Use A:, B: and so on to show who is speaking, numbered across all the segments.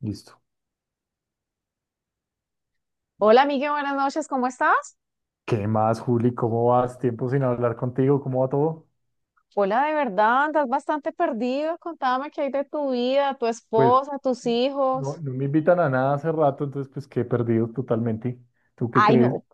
A: Listo.
B: Hola, Miguel, buenas noches, ¿cómo estás?
A: ¿Qué más, Juli? ¿Cómo vas? Tiempo sin hablar contigo, ¿cómo va todo?
B: Hola, de verdad, andas bastante perdido. Contame qué hay de tu vida, tu
A: Pues
B: esposa, tus
A: no,
B: hijos.
A: no me invitan a nada hace rato, entonces pues quedé perdido totalmente. ¿Tú qué
B: Ay,
A: crees?
B: no,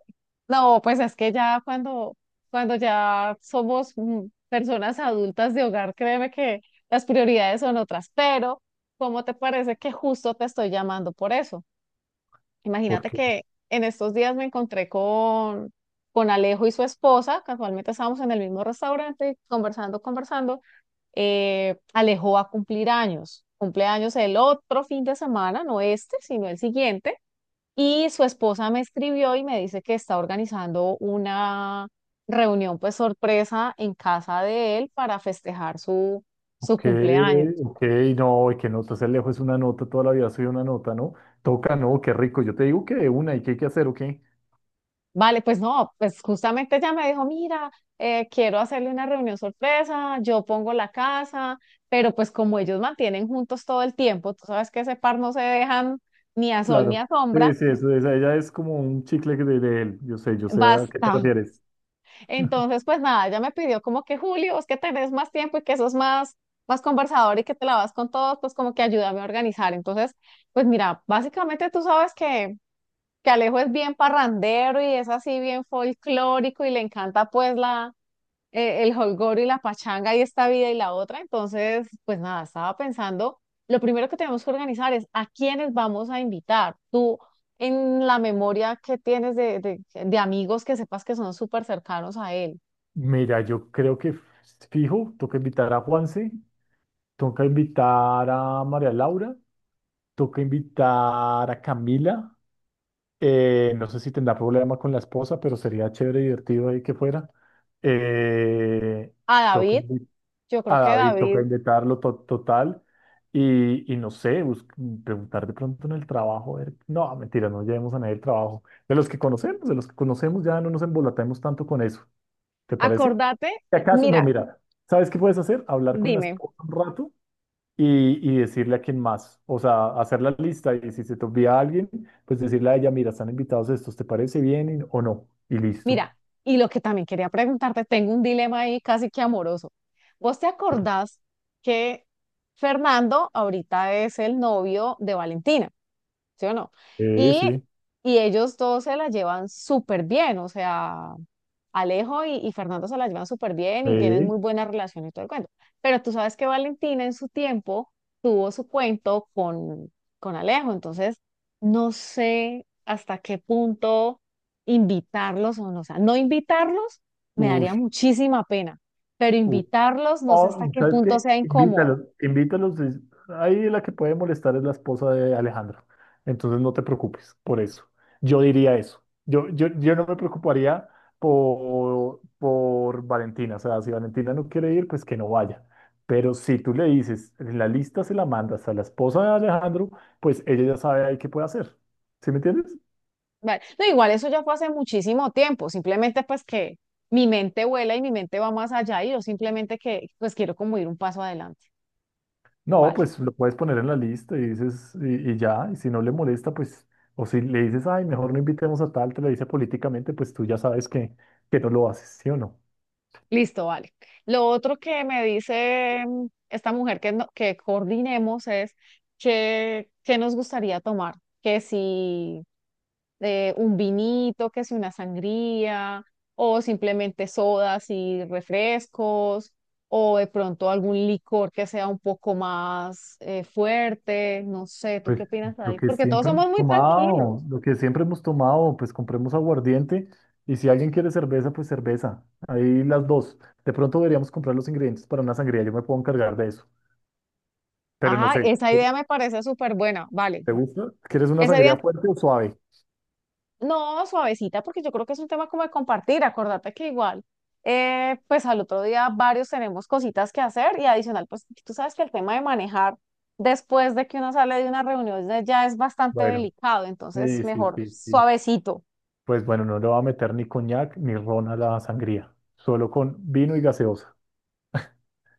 B: no, pues es que ya cuando ya somos personas adultas de hogar, créeme que las prioridades son otras. Pero, ¿cómo te parece que justo te estoy llamando por eso?
A: ¿Por
B: Imagínate
A: qué?
B: que en estos días me encontré con Alejo y su esposa, casualmente estábamos en el mismo restaurante, conversando. Alejo va a cumplir años, cumpleaños el otro fin de semana, no este, sino el siguiente. Y su esposa me escribió y me dice que está organizando una reunión, pues sorpresa, en casa de él para festejar su
A: Ok,
B: cumpleaños.
A: ok, no, y que no, estás lejos es una nota, toda la vida soy una nota, ¿no? Toca, no, qué rico. Yo te digo que de una y qué hay que hacer, o qué.
B: Vale, pues no, pues justamente ella me dijo, mira, quiero hacerle una reunión sorpresa, yo pongo la casa, pero pues como ellos mantienen juntos todo el tiempo, tú sabes que ese par no se dejan ni a sol ni
A: Claro.
B: a
A: Sí,
B: sombra,
A: sí, eso, ella es como un chicle de él. Yo sé a qué te
B: basta.
A: refieres.
B: Entonces, pues nada, ella me pidió como que Julio, es que tenés más tiempo y que sos más conversador y que te la vas con todos, pues como que ayúdame a organizar. Entonces, pues mira, básicamente tú sabes que Alejo es bien parrandero y es así bien folclórico y le encanta pues la el holgorio y la pachanga y esta vida y la otra. Entonces, pues nada, estaba pensando, lo primero que tenemos que organizar es a quiénes vamos a invitar. Tú, en la memoria que tienes de amigos que sepas que son súper cercanos a él.
A: Mira, yo creo que fijo, toca invitar a Juanse, toca invitar a María Laura. Toca invitar a Camila. No sé si tendrá problema con la esposa, pero sería chévere y divertido ahí que fuera. Eh,
B: A
A: toca
B: David,
A: invi-
B: yo creo
A: a
B: que
A: David,
B: David,
A: toca invitarlo total. Y no sé, preguntar de pronto en el trabajo. No, mentira, no llevemos a nadie el trabajo. De los que conocemos, de los que conocemos, ya no nos embolatemos tanto con eso. ¿Te parece?
B: acordate,
A: ¿Y acaso? No,
B: mira,
A: mira, ¿sabes qué puedes hacer? Hablar con la
B: dime,
A: esposa un rato y decirle a quien más, o sea, hacer la lista y si se te olvida alguien, pues decirle a ella, mira, están invitados estos, ¿te parece bien o no? Y listo.
B: mira, y lo que también quería preguntarte, tengo un dilema ahí casi que amoroso. ¿Vos te acordás que Fernando ahorita es el novio de Valentina? ¿Sí o no?
A: Sí,
B: Y,
A: sí,
B: y ellos dos se la llevan súper bien, o sea, Alejo y Fernando se la llevan súper bien y tienen
A: sí.
B: muy buena relación y todo el cuento. Pero tú sabes que Valentina en su tiempo tuvo su cuento con Alejo, entonces no sé hasta qué punto invitarlos o no, o sea, no invitarlos me
A: Uy.
B: daría muchísima pena, pero invitarlos no sé hasta
A: Oh,
B: qué
A: ¿sabes
B: punto
A: qué?
B: sea incómodo.
A: Invítalos, invítalos. Ahí la que puede molestar es la esposa de Alejandro. Entonces no te preocupes por eso. Yo diría eso. Yo no me preocuparía por Valentina. O sea, si Valentina no quiere ir, pues que no vaya. Pero si tú le dices, en la lista se la mandas a la esposa de Alejandro, pues ella ya sabe ahí qué puede hacer. ¿Sí me entiendes?
B: Vale. No, igual eso ya fue hace muchísimo tiempo, simplemente pues que mi mente vuela y mi mente va más allá y yo simplemente que pues quiero como ir un paso adelante.
A: No,
B: Vale,
A: pues lo puedes poner en la lista y dices, y ya, y si no le molesta, pues, o si le dices, ay, mejor no invitemos a tal, te lo dice políticamente, pues tú ya sabes que no lo haces, ¿sí o no?
B: listo, vale. Lo otro que me dice esta mujer que, no- que coordinemos es que, qué nos gustaría tomar, que si un vinito, que si una sangría, o simplemente sodas y refrescos, o de pronto algún licor que sea un poco más fuerte, no sé, ¿tú qué
A: Pues
B: opinas
A: lo
B: ahí?
A: que
B: Porque todos
A: siempre hemos
B: somos muy tranquilos.
A: tomado, lo que siempre hemos tomado, pues compremos aguardiente y si alguien quiere cerveza, pues cerveza. Ahí las dos. De pronto deberíamos comprar los ingredientes para una sangría, yo me puedo encargar de eso. Pero no
B: Ajá,
A: sé,
B: esa idea me parece súper buena, vale.
A: ¿te gusta? ¿Quieres una
B: Ese
A: sangría
B: día
A: fuerte o suave?
B: no, suavecita, porque yo creo que es un tema como de compartir. Acordate que igual, pues al otro día varios tenemos cositas que hacer y adicional, pues tú sabes que el tema de manejar después de que uno sale de una reunión ya es bastante
A: Bueno.
B: delicado, entonces
A: Sí, sí,
B: mejor
A: sí, sí.
B: suavecito,
A: Pues bueno, no le va a meter ni coñac ni ron a la sangría, solo con vino y gaseosa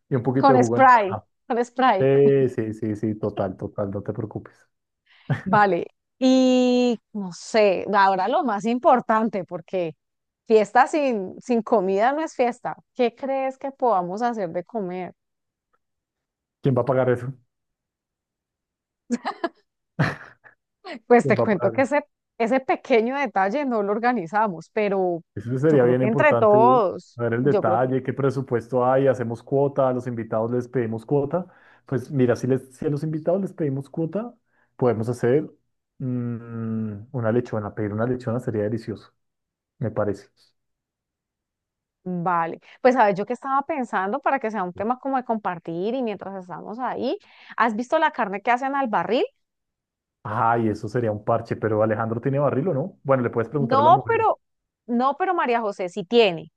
A: y un poquito de
B: con
A: jugo de
B: spray,
A: naranja.
B: con spray.
A: Sí, sí, sí, sí, total, total, no te preocupes.
B: Vale, y no sé, ahora lo más importante, porque fiesta sin comida no es fiesta. ¿Qué crees que podamos hacer de comer?
A: ¿Quién va a pagar eso?
B: Pues
A: ¿Quién
B: te
A: va a
B: cuento
A: pagar
B: que
A: eso?
B: ese pequeño detalle no lo organizamos, pero
A: Eso
B: yo
A: sería
B: creo
A: bien
B: que entre
A: importante
B: todos,
A: ver el
B: yo creo que
A: detalle, qué presupuesto hay, hacemos cuota, a los invitados les pedimos cuota. Pues mira, si a los invitados les pedimos cuota, podemos hacer pedir una lechona sería delicioso, me parece.
B: vale. Pues sabes, yo que estaba pensando para que sea un tema como de compartir y mientras estamos ahí, ¿has visto la carne que hacen al barril?
A: Ay, eso sería un parche, pero ¿Alejandro tiene barril o no? Bueno, le puedes preguntar a la
B: No,
A: mujer.
B: pero, no, pero María José sí tiene,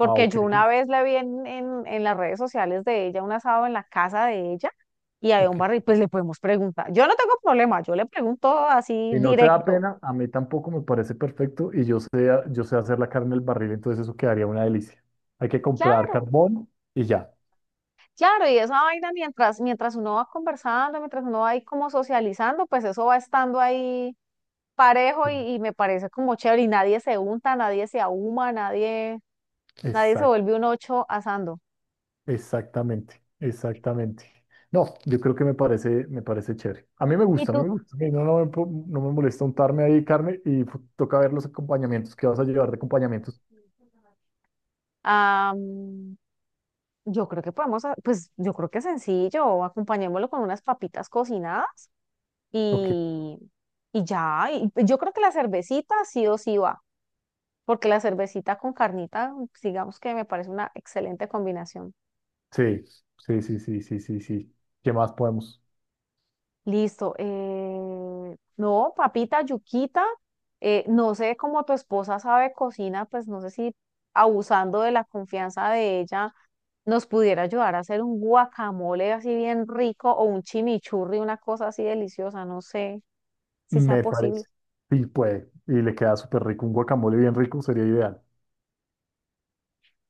A: Ah, ok,
B: yo una vez la vi en las redes sociales de ella, un asado en la casa de ella. Y había un
A: ok.
B: barril, pues le podemos preguntar. Yo no tengo problema, yo le pregunto así
A: Si no te da
B: directo.
A: pena, a mí tampoco me parece perfecto y yo sé hacer la carne en el barril, entonces eso quedaría una delicia. Hay que comprar
B: Claro.
A: carbón y ya.
B: Claro, y esa vaina mientras uno va conversando, mientras uno va ahí como socializando, pues eso va estando ahí parejo
A: Sí.
B: y me parece como chévere y nadie se unta, nadie se ahuma, nadie, nadie se
A: Exact,
B: vuelve un ocho asando.
A: exactamente, exactamente. No, yo creo que me parece chévere. A mí me
B: Y
A: gusta, a mí
B: tú,
A: me gusta. A mí no me molesta untarme ahí carne y toca ver los acompañamientos. ¿Qué vas a llevar de acompañamientos?
B: ah, mm, yo creo que podemos, ha- pues yo creo que es sencillo, acompañémoslo con unas papitas cocinadas
A: Ok.
B: y, y ya, y yo creo que la cervecita sí o sí va, porque la cervecita con carnita, digamos que me parece una excelente combinación.
A: Sí, sí, sí, sí, sí, sí, sí. ¿Qué más podemos?
B: Listo. No, papita, yuquita. No sé cómo tu esposa sabe cocina, pues no sé si abusando de la confianza de ella nos pudiera ayudar a hacer un guacamole así bien rico o un chimichurri, una cosa así deliciosa. No sé si sea
A: Me
B: posible.
A: parece. Sí, puede. Y le queda súper rico. Un guacamole bien rico sería ideal.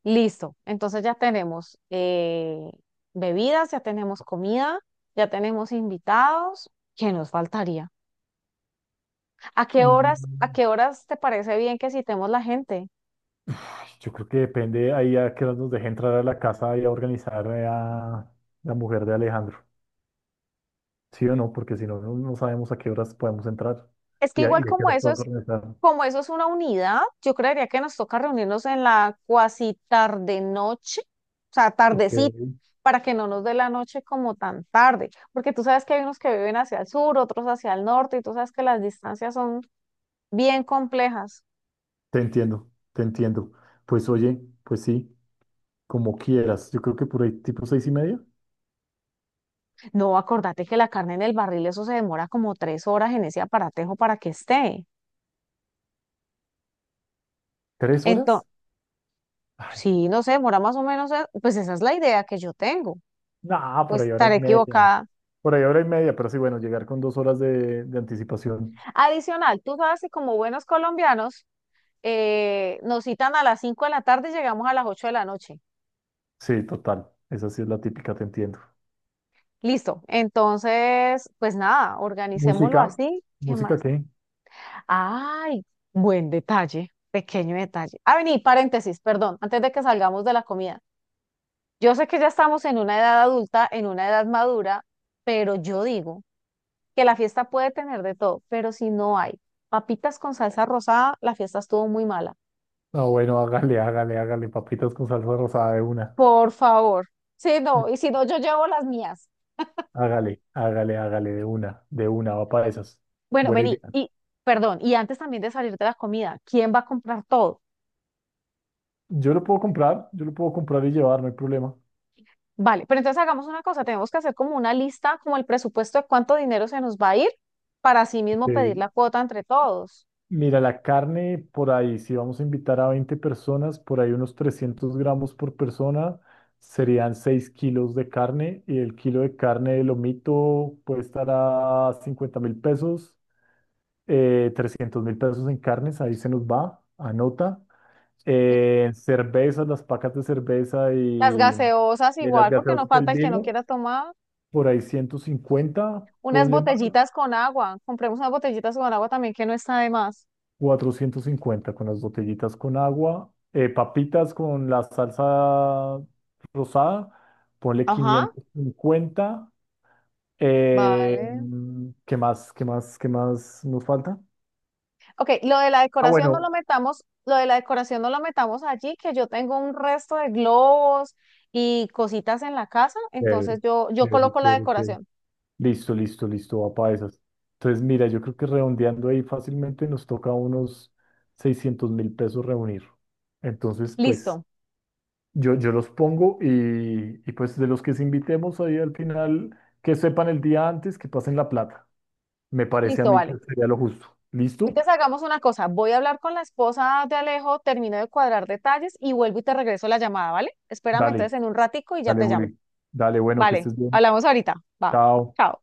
B: Listo. Entonces ya tenemos bebidas, ya tenemos comida, ya tenemos invitados. ¿Qué nos faltaría? A qué
A: Mm,
B: horas te parece bien que citemos la gente?
A: ay, yo creo que depende ahí a que nos deje entrar a la casa y a organizar a la mujer de Alejandro. ¿Sí o no? Porque si no, no sabemos a qué horas podemos entrar
B: Es que
A: y a, y
B: igual
A: a qué horas podemos organizar.
B: como eso es una unidad, yo creería que nos toca reunirnos en la cuasi tarde noche, o sea,
A: Ok.
B: tardecita, para que no nos dé la noche como tan tarde, porque tú sabes que hay unos que viven hacia el sur, otros hacia el norte, y tú sabes que las distancias son bien complejas.
A: Te entiendo, te entiendo. Pues oye, pues sí, como quieras. Yo creo que por ahí tipo 6:30.
B: No, acordate que la carne en el barril, eso se demora como 3 horas en ese aparatejo para que esté.
A: ¿3 horas?
B: Entonces,
A: Ay.
B: sí, no sé, demora más o menos, pues esa es la idea que yo tengo.
A: No, por
B: Pues
A: ahí hora y
B: estaré
A: media.
B: equivocada.
A: Por ahí hora y media, pero sí, bueno, llegar con 2 horas de anticipación.
B: Adicional, tú sabes que como buenos colombianos, nos citan a las 5 de la tarde y llegamos a las 8 de la noche.
A: Sí, total. Esa sí es la típica, te entiendo.
B: Listo. Entonces, pues nada, organicémoslo
A: ¿Música?
B: así. ¿Qué
A: ¿Música
B: más?
A: qué?
B: Ay, buen detalle, pequeño detalle. Ah, vení, paréntesis, perdón, antes de que salgamos de la comida. Yo sé que ya estamos en una edad adulta, en una edad madura, pero yo digo que la fiesta puede tener de todo, pero si no hay papitas con salsa rosada, la fiesta estuvo muy mala.
A: No, bueno, hágale, hágale, hágale. Papitas con salsa rosada de una.
B: Por favor. Sí, no, y si no, yo llevo las mías.
A: Hágale, hágale, hágale de una, va para esas.
B: Bueno,
A: Buena
B: vení,
A: idea.
B: y perdón, y antes también de salir de la comida, ¿quién va a comprar todo?
A: Yo lo puedo comprar, yo lo puedo comprar y llevar, no hay problema.
B: Vale, pero entonces hagamos una cosa, tenemos que hacer como una lista, como el presupuesto de cuánto dinero se nos va a ir para así
A: Ok.
B: mismo pedir la cuota entre todos.
A: Mira, la carne por ahí, si vamos a invitar a 20 personas, por ahí unos 300 gramos por persona, serían 6 kilos de carne y el kilo de carne de lomito puede estar a 50.000 pesos, 300 mil pesos en carnes, ahí se nos va, anota.
B: Ujú.
A: Cervezas, las pacas de cerveza
B: Las
A: y,
B: gaseosas
A: de las
B: igual, porque no
A: gaseosas del
B: falta el que no
A: vino,
B: quiera tomar.
A: por ahí 150
B: Unas
A: ponle
B: botellitas con agua, compremos unas botellitas con agua también que no está de más.
A: 450 con las botellitas con agua, papitas con la salsa rosada, ponle
B: Ajá,
A: 550. eh,
B: vale,
A: ¿qué más? ¿Qué más? ¿Qué más nos falta?
B: ok, lo de la
A: Ah,
B: decoración no lo
A: bueno.
B: metamos, lo de la decoración no lo metamos allí, que yo tengo un resto de globos y cositas en la casa,
A: Chévere,
B: entonces yo
A: chévere,
B: coloco la
A: chévere, chévere.
B: decoración.
A: Listo, listo, listo, va para esas. Entonces, mira, yo creo que redondeando ahí fácilmente nos toca unos 600.000 pesos reunir. Entonces,
B: Listo,
A: pues, Yo los pongo y pues de los que se invitemos ahí al final, que sepan el día antes, que pasen la plata. Me parece a
B: listo,
A: mí que
B: vale.
A: sería lo justo. ¿Listo?
B: Entonces hagamos una cosa, voy a hablar con la esposa de Alejo, termino de cuadrar detalles y vuelvo y te regreso la llamada, ¿vale? Espérame
A: Dale,
B: entonces en un ratico y ya
A: dale,
B: te llamo.
A: Juli. Dale, bueno, que
B: Vale,
A: estés bien.
B: hablamos ahorita. Va,
A: Chao.
B: chao.